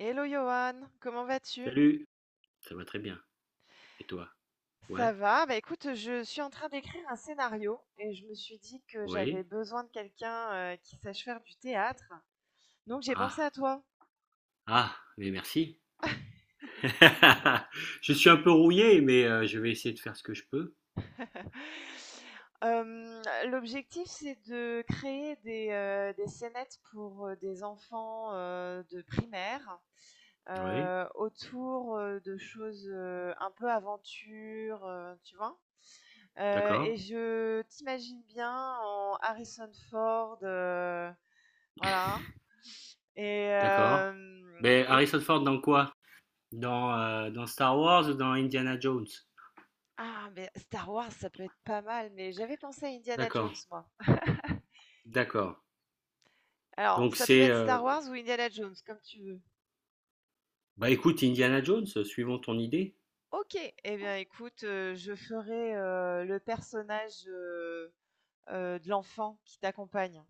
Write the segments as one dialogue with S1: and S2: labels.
S1: Hello Johan, comment vas-tu?
S2: Salut, ça va très bien. Et toi?
S1: Ça
S2: Ouais,
S1: va? Bah écoute, je suis en train d'écrire un scénario et je me suis dit que j'avais
S2: oui.
S1: besoin de quelqu'un qui sache faire du théâtre. Donc j'ai pensé
S2: Ah,
S1: à toi.
S2: ah, mais merci. Je suis un peu rouillé, mais je vais essayer de faire ce que je peux.
S1: L'objectif, c'est de créer des scénettes pour des enfants de primaire.
S2: Oui,
S1: Autour, de choses, un peu aventure, tu vois?
S2: d'accord,
S1: Et je t'imagine bien en Harrison Ford, voilà et
S2: d'accord.
S1: hem
S2: Mais
S1: et
S2: Harrison Ford dans quoi? Dans, dans Star Wars ou dans Indiana Jones?
S1: ah mais Star Wars, ça peut être pas mal, mais j'avais pensé à Indiana Jones,
S2: D'accord,
S1: moi.
S2: d'accord.
S1: Alors,
S2: Donc
S1: ça peut
S2: c'est...
S1: être
S2: euh,
S1: Star Wars ou Indiana Jones, comme tu veux.
S2: Bah écoute, Indiana Jones, suivons ton idée.
S1: OK, eh bien écoute, je ferai, le personnage, de l'enfant qui t'accompagne.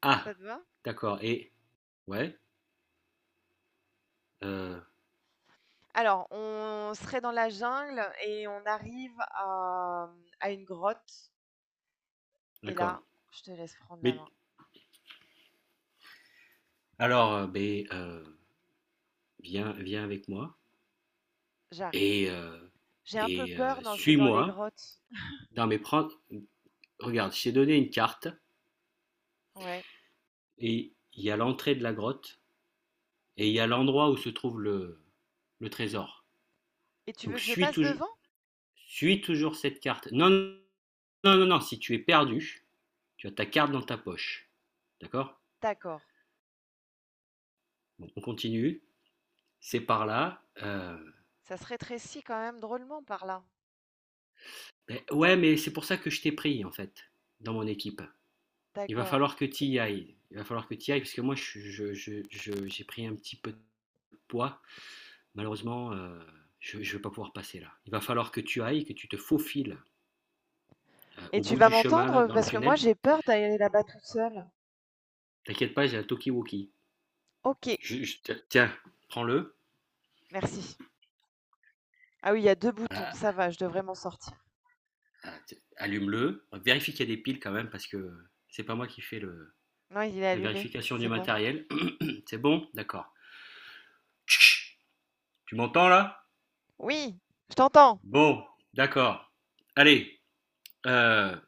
S2: Ah,
S1: Ça te va?
S2: d'accord. Et... Ouais, euh,
S1: Alors, on serait dans la jungle et on arrive à une grotte et
S2: d'accord.
S1: là, je te laisse prendre la
S2: Mais
S1: main.
S2: alors, viens avec moi.
S1: J'arrive.
S2: Et,
S1: J'ai un peu peur dans ces dans les
S2: suis-moi
S1: grottes.
S2: dans mes prends, regarde, je t'ai donné une carte
S1: Ouais.
S2: et il y a l'entrée de la grotte et il y a l'endroit où se trouve le trésor.
S1: Et tu veux
S2: Donc
S1: que je
S2: suis
S1: passe
S2: touj
S1: devant?
S2: suis toujours cette carte. Non, non, non, non, si tu es perdu, tu as ta carte dans ta poche, d'accord?
S1: D'accord.
S2: Bon, on continue, c'est par là,
S1: Ça se rétrécit quand même drôlement par là.
S2: beh, ouais, mais c'est pour ça que je t'ai pris, en fait, dans mon équipe. Il va
S1: D'accord.
S2: falloir que tu y ailles, il va falloir que tu y ailles parce que moi je j'ai pris un petit peu de poids. Malheureusement, je ne vais pas pouvoir passer là. Il va falloir que tu ailles, que tu te faufiles,
S1: Et
S2: au
S1: tu
S2: bout
S1: vas
S2: du chemin là,
S1: m'entendre?
S2: dans le
S1: Parce que moi,
S2: tunnel.
S1: j'ai peur d'aller là-bas toute seule.
S2: T'inquiète pas, j'ai un talkie-walkie.
S1: OK,
S2: Je te tiens, prends-le,
S1: merci. Ah oui, il y a 2
S2: a
S1: boutons, ça va, je devrais m'en sortir.
S2: a t allume-le, vérifie qu'il y a des piles quand même parce que c'est pas moi qui fais le
S1: Non, il est
S2: la
S1: allumé,
S2: vérification du
S1: c'est bon.
S2: matériel. C'est bon? D'accord. Tch, tu m'entends là?
S1: Oui, je t'entends.
S2: Bon, d'accord. Allez, heu,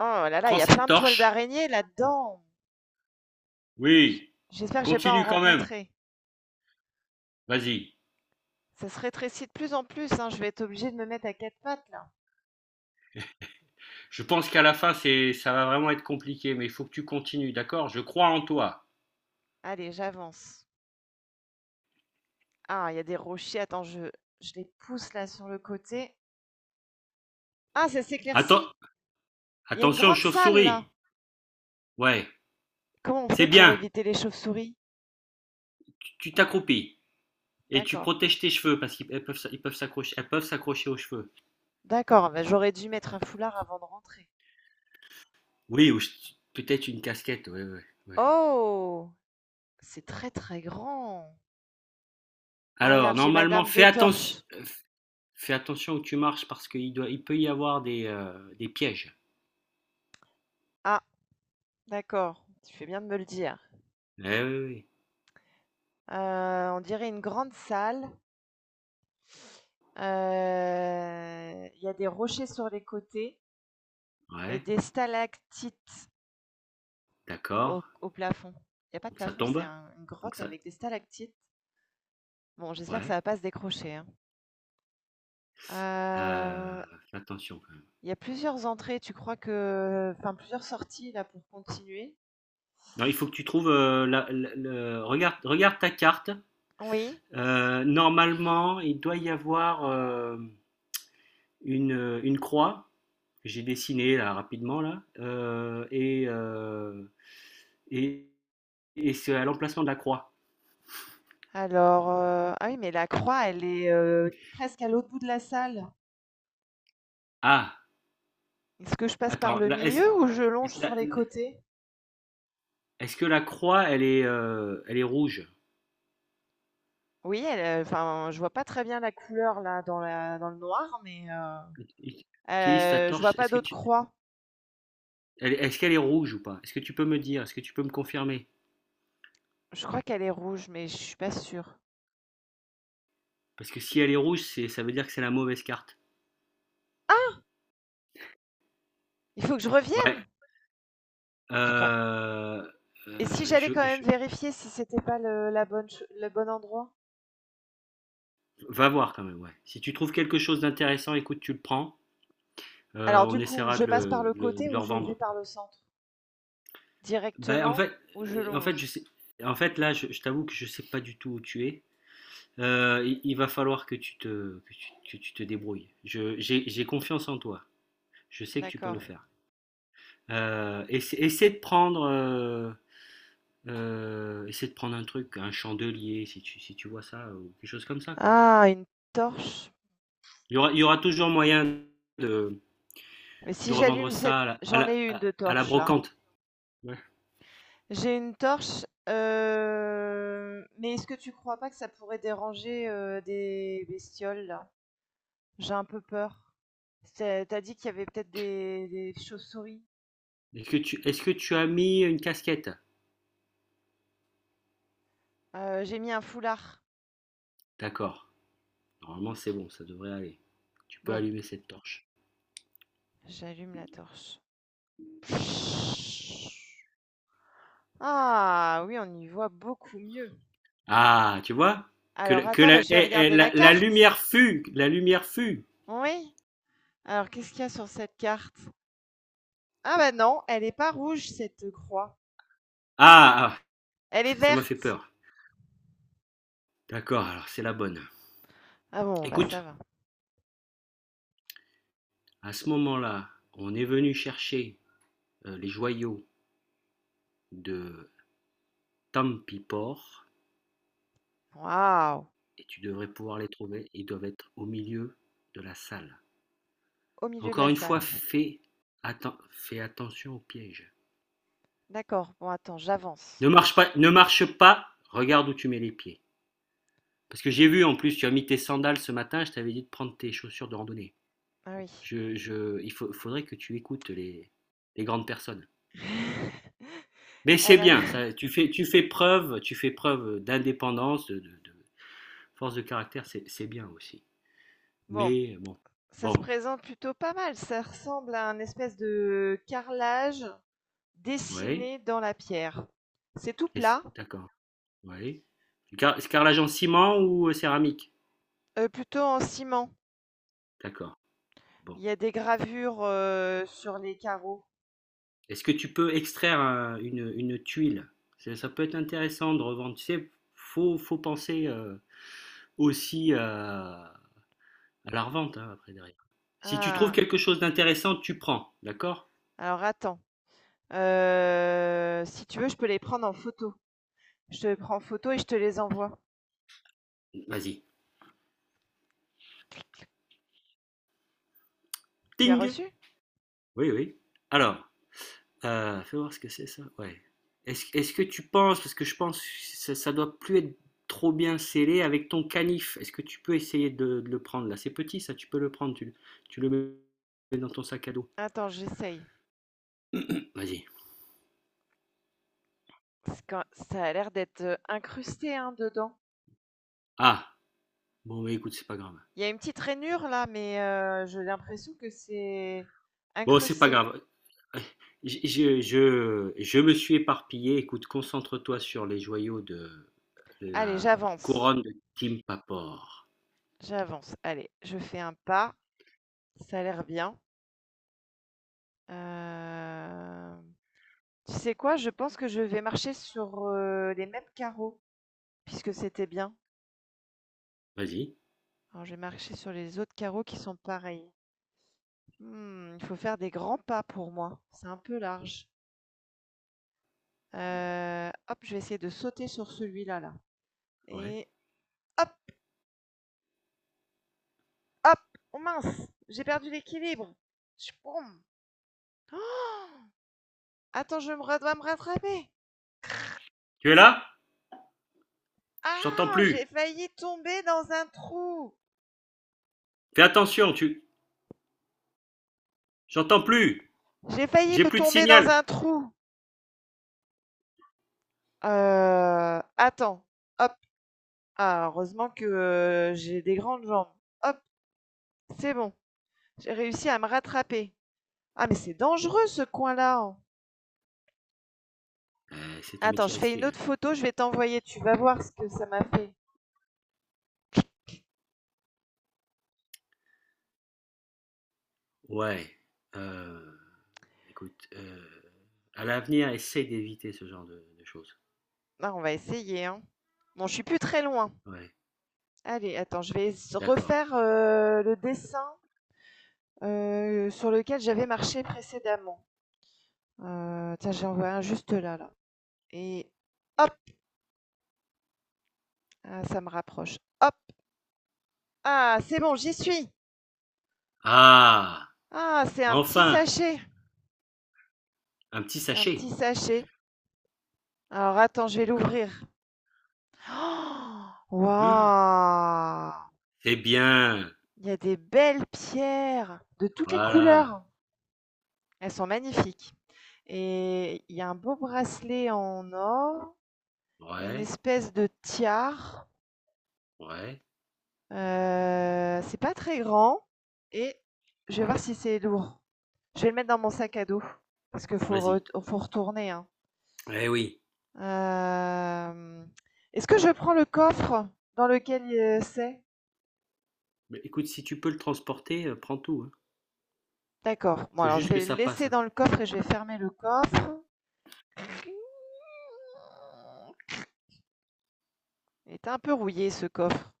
S1: Oh là là, il
S2: prends
S1: y a
S2: cette
S1: plein de toiles
S2: torche.
S1: d'araignée là-dedans. J-
S2: Oui,
S1: J'espère que j'ai pas en
S2: continue quand même,
S1: rencontré.
S2: vas-y.
S1: Ça se rétrécit de plus en plus, hein. Je vais être obligée de me mettre à quatre pattes là.
S2: Je pense qu'à la fin, ça va vraiment être compliqué, mais il faut que tu continues, d'accord. Je crois en toi.
S1: Allez, j'avance. Ah, il y a des rochers. Attends, je les pousse là sur le côté. Ah, ça
S2: Atten-
S1: s'éclaircit. Il y a une
S2: attention aux
S1: grande salle
S2: chauves-souris.
S1: là.
S2: Ouais,
S1: Comment on
S2: c'est
S1: fait pour
S2: bien.
S1: éviter les chauves-souris?
S2: Tu t'accroupis et tu
S1: D'accord.
S2: protèges tes cheveux parce qu'ils elles peuvent, elles peuvent s'accrocher aux cheveux.
S1: D'accord, bah, j'aurais dû mettre un foulard avant de rentrer.
S2: Oui, peut-être une casquette. Ouais, ouais, ouais.
S1: Oh, c'est très très grand. Ah,
S2: Alors,
S1: regarde, j'ai ma
S2: normalement,
S1: lame de torche.
S2: fais attention où tu marches parce il peut y avoir des pièges.
S1: Ah, d'accord. Tu fais bien de me le dire.
S2: Ouais, ouais,
S1: On dirait une grande salle. Il y a des rochers sur les côtés
S2: ouais.
S1: et
S2: Ouais,
S1: des stalactites
S2: d'accord.
S1: au plafond. Il y a pas de
S2: Donc ça
S1: plafond, c'est
S2: tombe.
S1: un une
S2: Donc
S1: grotte
S2: ça,
S1: avec des stalactites. Bon, j'espère que ça
S2: ouais.
S1: va pas se décrocher, hein. Heu,
S2: Fais attention.
S1: il y a plusieurs entrées, tu crois que enfin plusieurs sorties là pour continuer?
S2: Non, il faut que tu trouves, regarde, regarde ta carte.
S1: Oui.
S2: Normalement, il doit y avoir une croix que j'ai dessinée là, rapidement là. Et, et c'est à l'emplacement de la croix.
S1: Alors, ah oui, mais la croix, elle est, presque à l'autre bout de la salle.
S2: Ah,
S1: Est-ce que je passe par
S2: attends,
S1: le milieu ou je longe
S2: là,
S1: sur les côtés?
S2: est-ce que la croix, elle est rouge?
S1: Oui, elle, enfin, je vois pas très bien la couleur là dans la dans le noir, mais, heu
S2: Ut- Utilise ta
S1: heu, je vois
S2: torche.
S1: pas
S2: Est-ce que
S1: d'autres
S2: tu,
S1: croix.
S2: elle- est-ce qu'elle est rouge ou pas? Est-ce que tu peux me dire? Est-ce que tu peux me confirmer?
S1: Je crois qu'elle est rouge, mais je suis pas sûre.
S2: Parce que si elle est rouge, ça veut dire que c'est la mauvaise carte.
S1: Ah! Il faut que je
S2: Ouais,
S1: revienne, je crois.
S2: Heu
S1: Et si j'allais quand même
S2: je
S1: vérifier si c'était pas le la bonne ch le bon endroit?
S2: va voir quand même, ouais. Si tu trouves quelque chose d'intéressant, écoute, tu le prends,
S1: Alors
S2: on
S1: du coup,
S2: essaiera
S1: je
S2: de
S1: passe par
S2: le
S1: le
S2: de le
S1: côté
S2: de le
S1: ou je vais
S2: revendre.
S1: par le centre?
S2: Bah, en
S1: Directement
S2: fait,
S1: ou je
S2: heu, en fait, je
S1: longe?
S2: sais là, je t'avoue que je sais pas du tout où tu es. Il va falloir que tu te débrouilles. Je j'ai confiance en toi. Je sais que tu peux le
S1: D'accord.
S2: faire. Essaie de prendre, essaie de prendre un truc, un chandelier si tu vois ça, ou quelque chose comme ça, quoi.
S1: Ah, une torche.
S2: Il y aura toujours moyen de
S1: Mais
S2: De
S1: si
S2: revendre
S1: j'allume cette
S2: ça
S1: j'en ai une de
S2: à la
S1: torche là.
S2: brocante. Ouais.
S1: J'ai une torche, mais est-ce que tu crois pas que ça pourrait déranger, des bestioles là? J'ai un peu peur. C'est tu dit qu'il y avait peut-être des chauves-souris.
S2: Est-ce que tu as mis une casquette?
S1: J'ai mis un foulard.
S2: D'accord. Normalement, c'est bon, ça devrait aller. Tu peux
S1: Bon,
S2: allumer cette torche.
S1: j'allume la torche. Ah oui, on y voit beaucoup mieux.
S2: Ah, tu vois?
S1: Alors
S2: Que
S1: attends,
S2: la,
S1: bah, je vais
S2: eh, eh,
S1: regarder la
S2: la- la
S1: carte.
S2: lumière fut, la lumière fut.
S1: Oui. Alors qu'est-ce qu'il y a sur cette carte? Ah bah non, elle n'est pas rouge cette croix.
S2: Ah, ah,
S1: Elle est
S2: ça m'a
S1: verte.
S2: fait peur. D'accord, alors c'est la bonne.
S1: Ah bon, bah, ça
S2: Écoute,
S1: va.
S2: à ce moment-là, on est venu chercher les joyaux de Tampipor
S1: Waouh!
S2: et tu devrais pouvoir les trouver. Ils doivent être au milieu de la salle.
S1: Au milieu de
S2: Encore
S1: la
S2: une fois,
S1: salle.
S2: fais attention aux pièges.
S1: D'accord. Bon, attends, j'avance.
S2: Ne marche pas, regarde où tu mets les pieds. Parce que j'ai vu, en plus, tu as mis tes sandales ce matin, je t'avais dit de prendre tes chaussures de randonnée.
S1: Ah oui.
S2: Faudrait que tu écoutes les grandes personnes. Mais c'est
S1: Elle
S2: bien, ça, tu fais preuve d'indépendance, de force de caractère, c'est bien aussi.
S1: Bon,
S2: Mais bon,
S1: ça se
S2: bon,
S1: présente plutôt pas mal. Ça ressemble à un espèce de carrelage
S2: oui,
S1: dessiné dans la pierre. C'est tout plat,
S2: d'accord, oui. Carrelage en ciment ou céramique?
S1: plutôt en ciment.
S2: D'accord, bon.
S1: Il y a des gravures sur les carreaux.
S2: Est-ce que tu peux extraire une tuile? Ça peut être intéressant de revendre. Tu sais, faut, faut penser aussi à la revente hein, après derrière. Si tu trouves
S1: Ah,
S2: quelque chose d'intéressant, tu prends, d'accord?
S1: alors attends. Si tu veux, je peux les prendre en photo. Je te prends en photo et je te les envoie.
S2: Vas-y.
S1: Tu as
S2: Ting!
S1: reçu?
S2: Oui, oui. Alors, fais voir ce que c'est ça. Ouais. Est-ce que tu penses, parce que je pense que ça doit plus être trop bien scellé avec ton canif. Est-ce que tu peux essayer de le prendre là? C'est petit ça, tu peux le prendre, tu le mets dans ton sac à dos.
S1: Attends, j'essaye.
S2: Vas-y.
S1: Ça a l'air d'être incrusté hein, dedans.
S2: Ah, bon, bah, écoute, c'est pas grave.
S1: Il y a une petite rainure là, mais j'ai l'impression que c'est
S2: Bon, c'est pas
S1: incrusté.
S2: grave. Je me suis éparpillé. Écoute, concentre-toi sur les joyaux de
S1: Allez,
S2: la couronne de Kim Papor.
S1: j'avance. Allez, je fais un pas, ça a l'air bien. Hem, tu sais quoi? Je pense que je vais marcher sur, les mêmes carreaux, puisque c'était bien.
S2: Vas-y.
S1: Alors je vais marcher sur les autres carreaux qui sont pareils. Mmh, il faut faire des grands pas pour moi, c'est un peu large. Hop, je vais essayer de sauter sur celui-là là
S2: Ouais.
S1: et hop! Hop! Oh mince! J'ai perdu l'équilibre. Oh, attends, je me dois me rattraper.
S2: Tu es là? Je t'entends
S1: Ah! J'ai
S2: plus.
S1: failli tomber dans un trou.
S2: Fais attention, tu. J'entends plus.
S1: J'ai failli
S2: J'ai
S1: me
S2: plus de
S1: tomber dans
S2: signal.
S1: un trou. Attends. Hop. Ah, heureusement que j'ai des grandes jambes. Hop, c'est bon. J'ai réussi à me rattraper. Ah, mais c'est dangereux ce coin-là, hein.
S2: C'est un
S1: Attends,
S2: métier
S1: je fais une
S2: risqué, hein.
S1: autre photo, je vais t'envoyer. Tu vas voir ce que ça m'a fait.
S2: Ouais. Euh, écoute, à l'avenir, essaye d'éviter ce genre de choses.
S1: Ah, on va essayer, hein. Bon, je suis plus très loin.
S2: Ouais.
S1: Allez, attends,
S2: D'accord.
S1: refaire le dessin sur lequel j'avais marché précédemment. Tiens, j'en vois un juste là. Et hop, ah, ça me rapproche. Hop, ah, c'est bon, j'y suis.
S2: Ah,
S1: Ah, c'est un petit
S2: enfin,
S1: sachet.
S2: un petit
S1: C'est un petit
S2: sachet.
S1: sachet. Alors, attends, je vais
S2: D'accord.
S1: l'ouvrir. Oh, Waouh!
S2: C'est bien.
S1: Il y a des belles pierres de toutes les
S2: Voilà.
S1: couleurs. Elles sont magnifiques. Et il y a un beau bracelet en or. Une
S2: Ouais,
S1: espèce de tiare,
S2: ouais.
S1: c'est pas très grand et je vais voir si c'est lourd. Je vais le mettre dans mon sac à dos parce qu'il
S2: Vas-y.
S1: faut retourner, hein.
S2: Eh oui.
S1: Hem, est-ce que je prends le coffre dans lequel, c'est?
S2: Mais écoute, si tu peux le transporter, prends tout, hein.
S1: D'accord. Bon
S2: Faut
S1: alors je
S2: juste que
S1: vais le
S2: ça passe,
S1: laisser
S2: hein.
S1: dans le coffre et je vais fermer le coffre. Il est un peu rouillé ce coffre.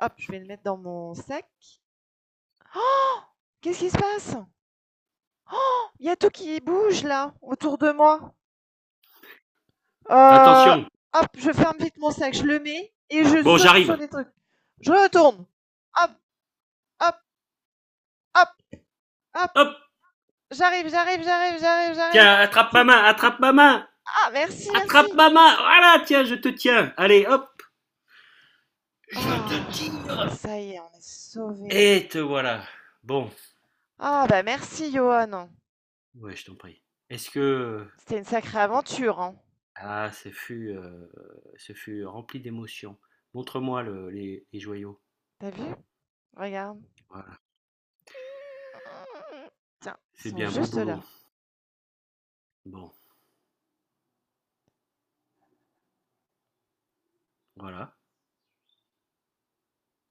S1: Hop, je vais le mettre dans mon sac. Qu'est-ce qui se passe? Il y a tout qui bouge là, autour de moi. Euh,
S2: Attention.
S1: hop, je ferme vite mon sac, je le mets et je
S2: Bon,
S1: saute sur
S2: j'arrive.
S1: des trucs. Je retourne. Hop, hop, hop, hop.
S2: Hop.
S1: J'arrive, j'arrive, j'arrive, j'arrive, j'arrive,
S2: Tiens,
S1: j'arrive.
S2: attrape ma main, attrape ma main.
S1: Ah, merci,
S2: Attrape
S1: merci.
S2: ma main. Voilà, tiens, je te tiens. Allez, hop. Je te
S1: Ah,
S2: tire.
S1: ça y est, on est sauvés.
S2: Et te voilà. Bon.
S1: Ah, bah merci, Johan.
S2: Ouais, je t'en prie. Est-ce que...
S1: C'était une sacrée aventure, hein.
S2: Ah, ce fut rempli d'émotions. Montre-moi les joyaux.
S1: T'as vu? Regarde.
S2: Voilà.
S1: Tiens, ils
S2: C'est
S1: sont
S2: bien, beau
S1: juste
S2: boulot.
S1: là.
S2: Bon, voilà.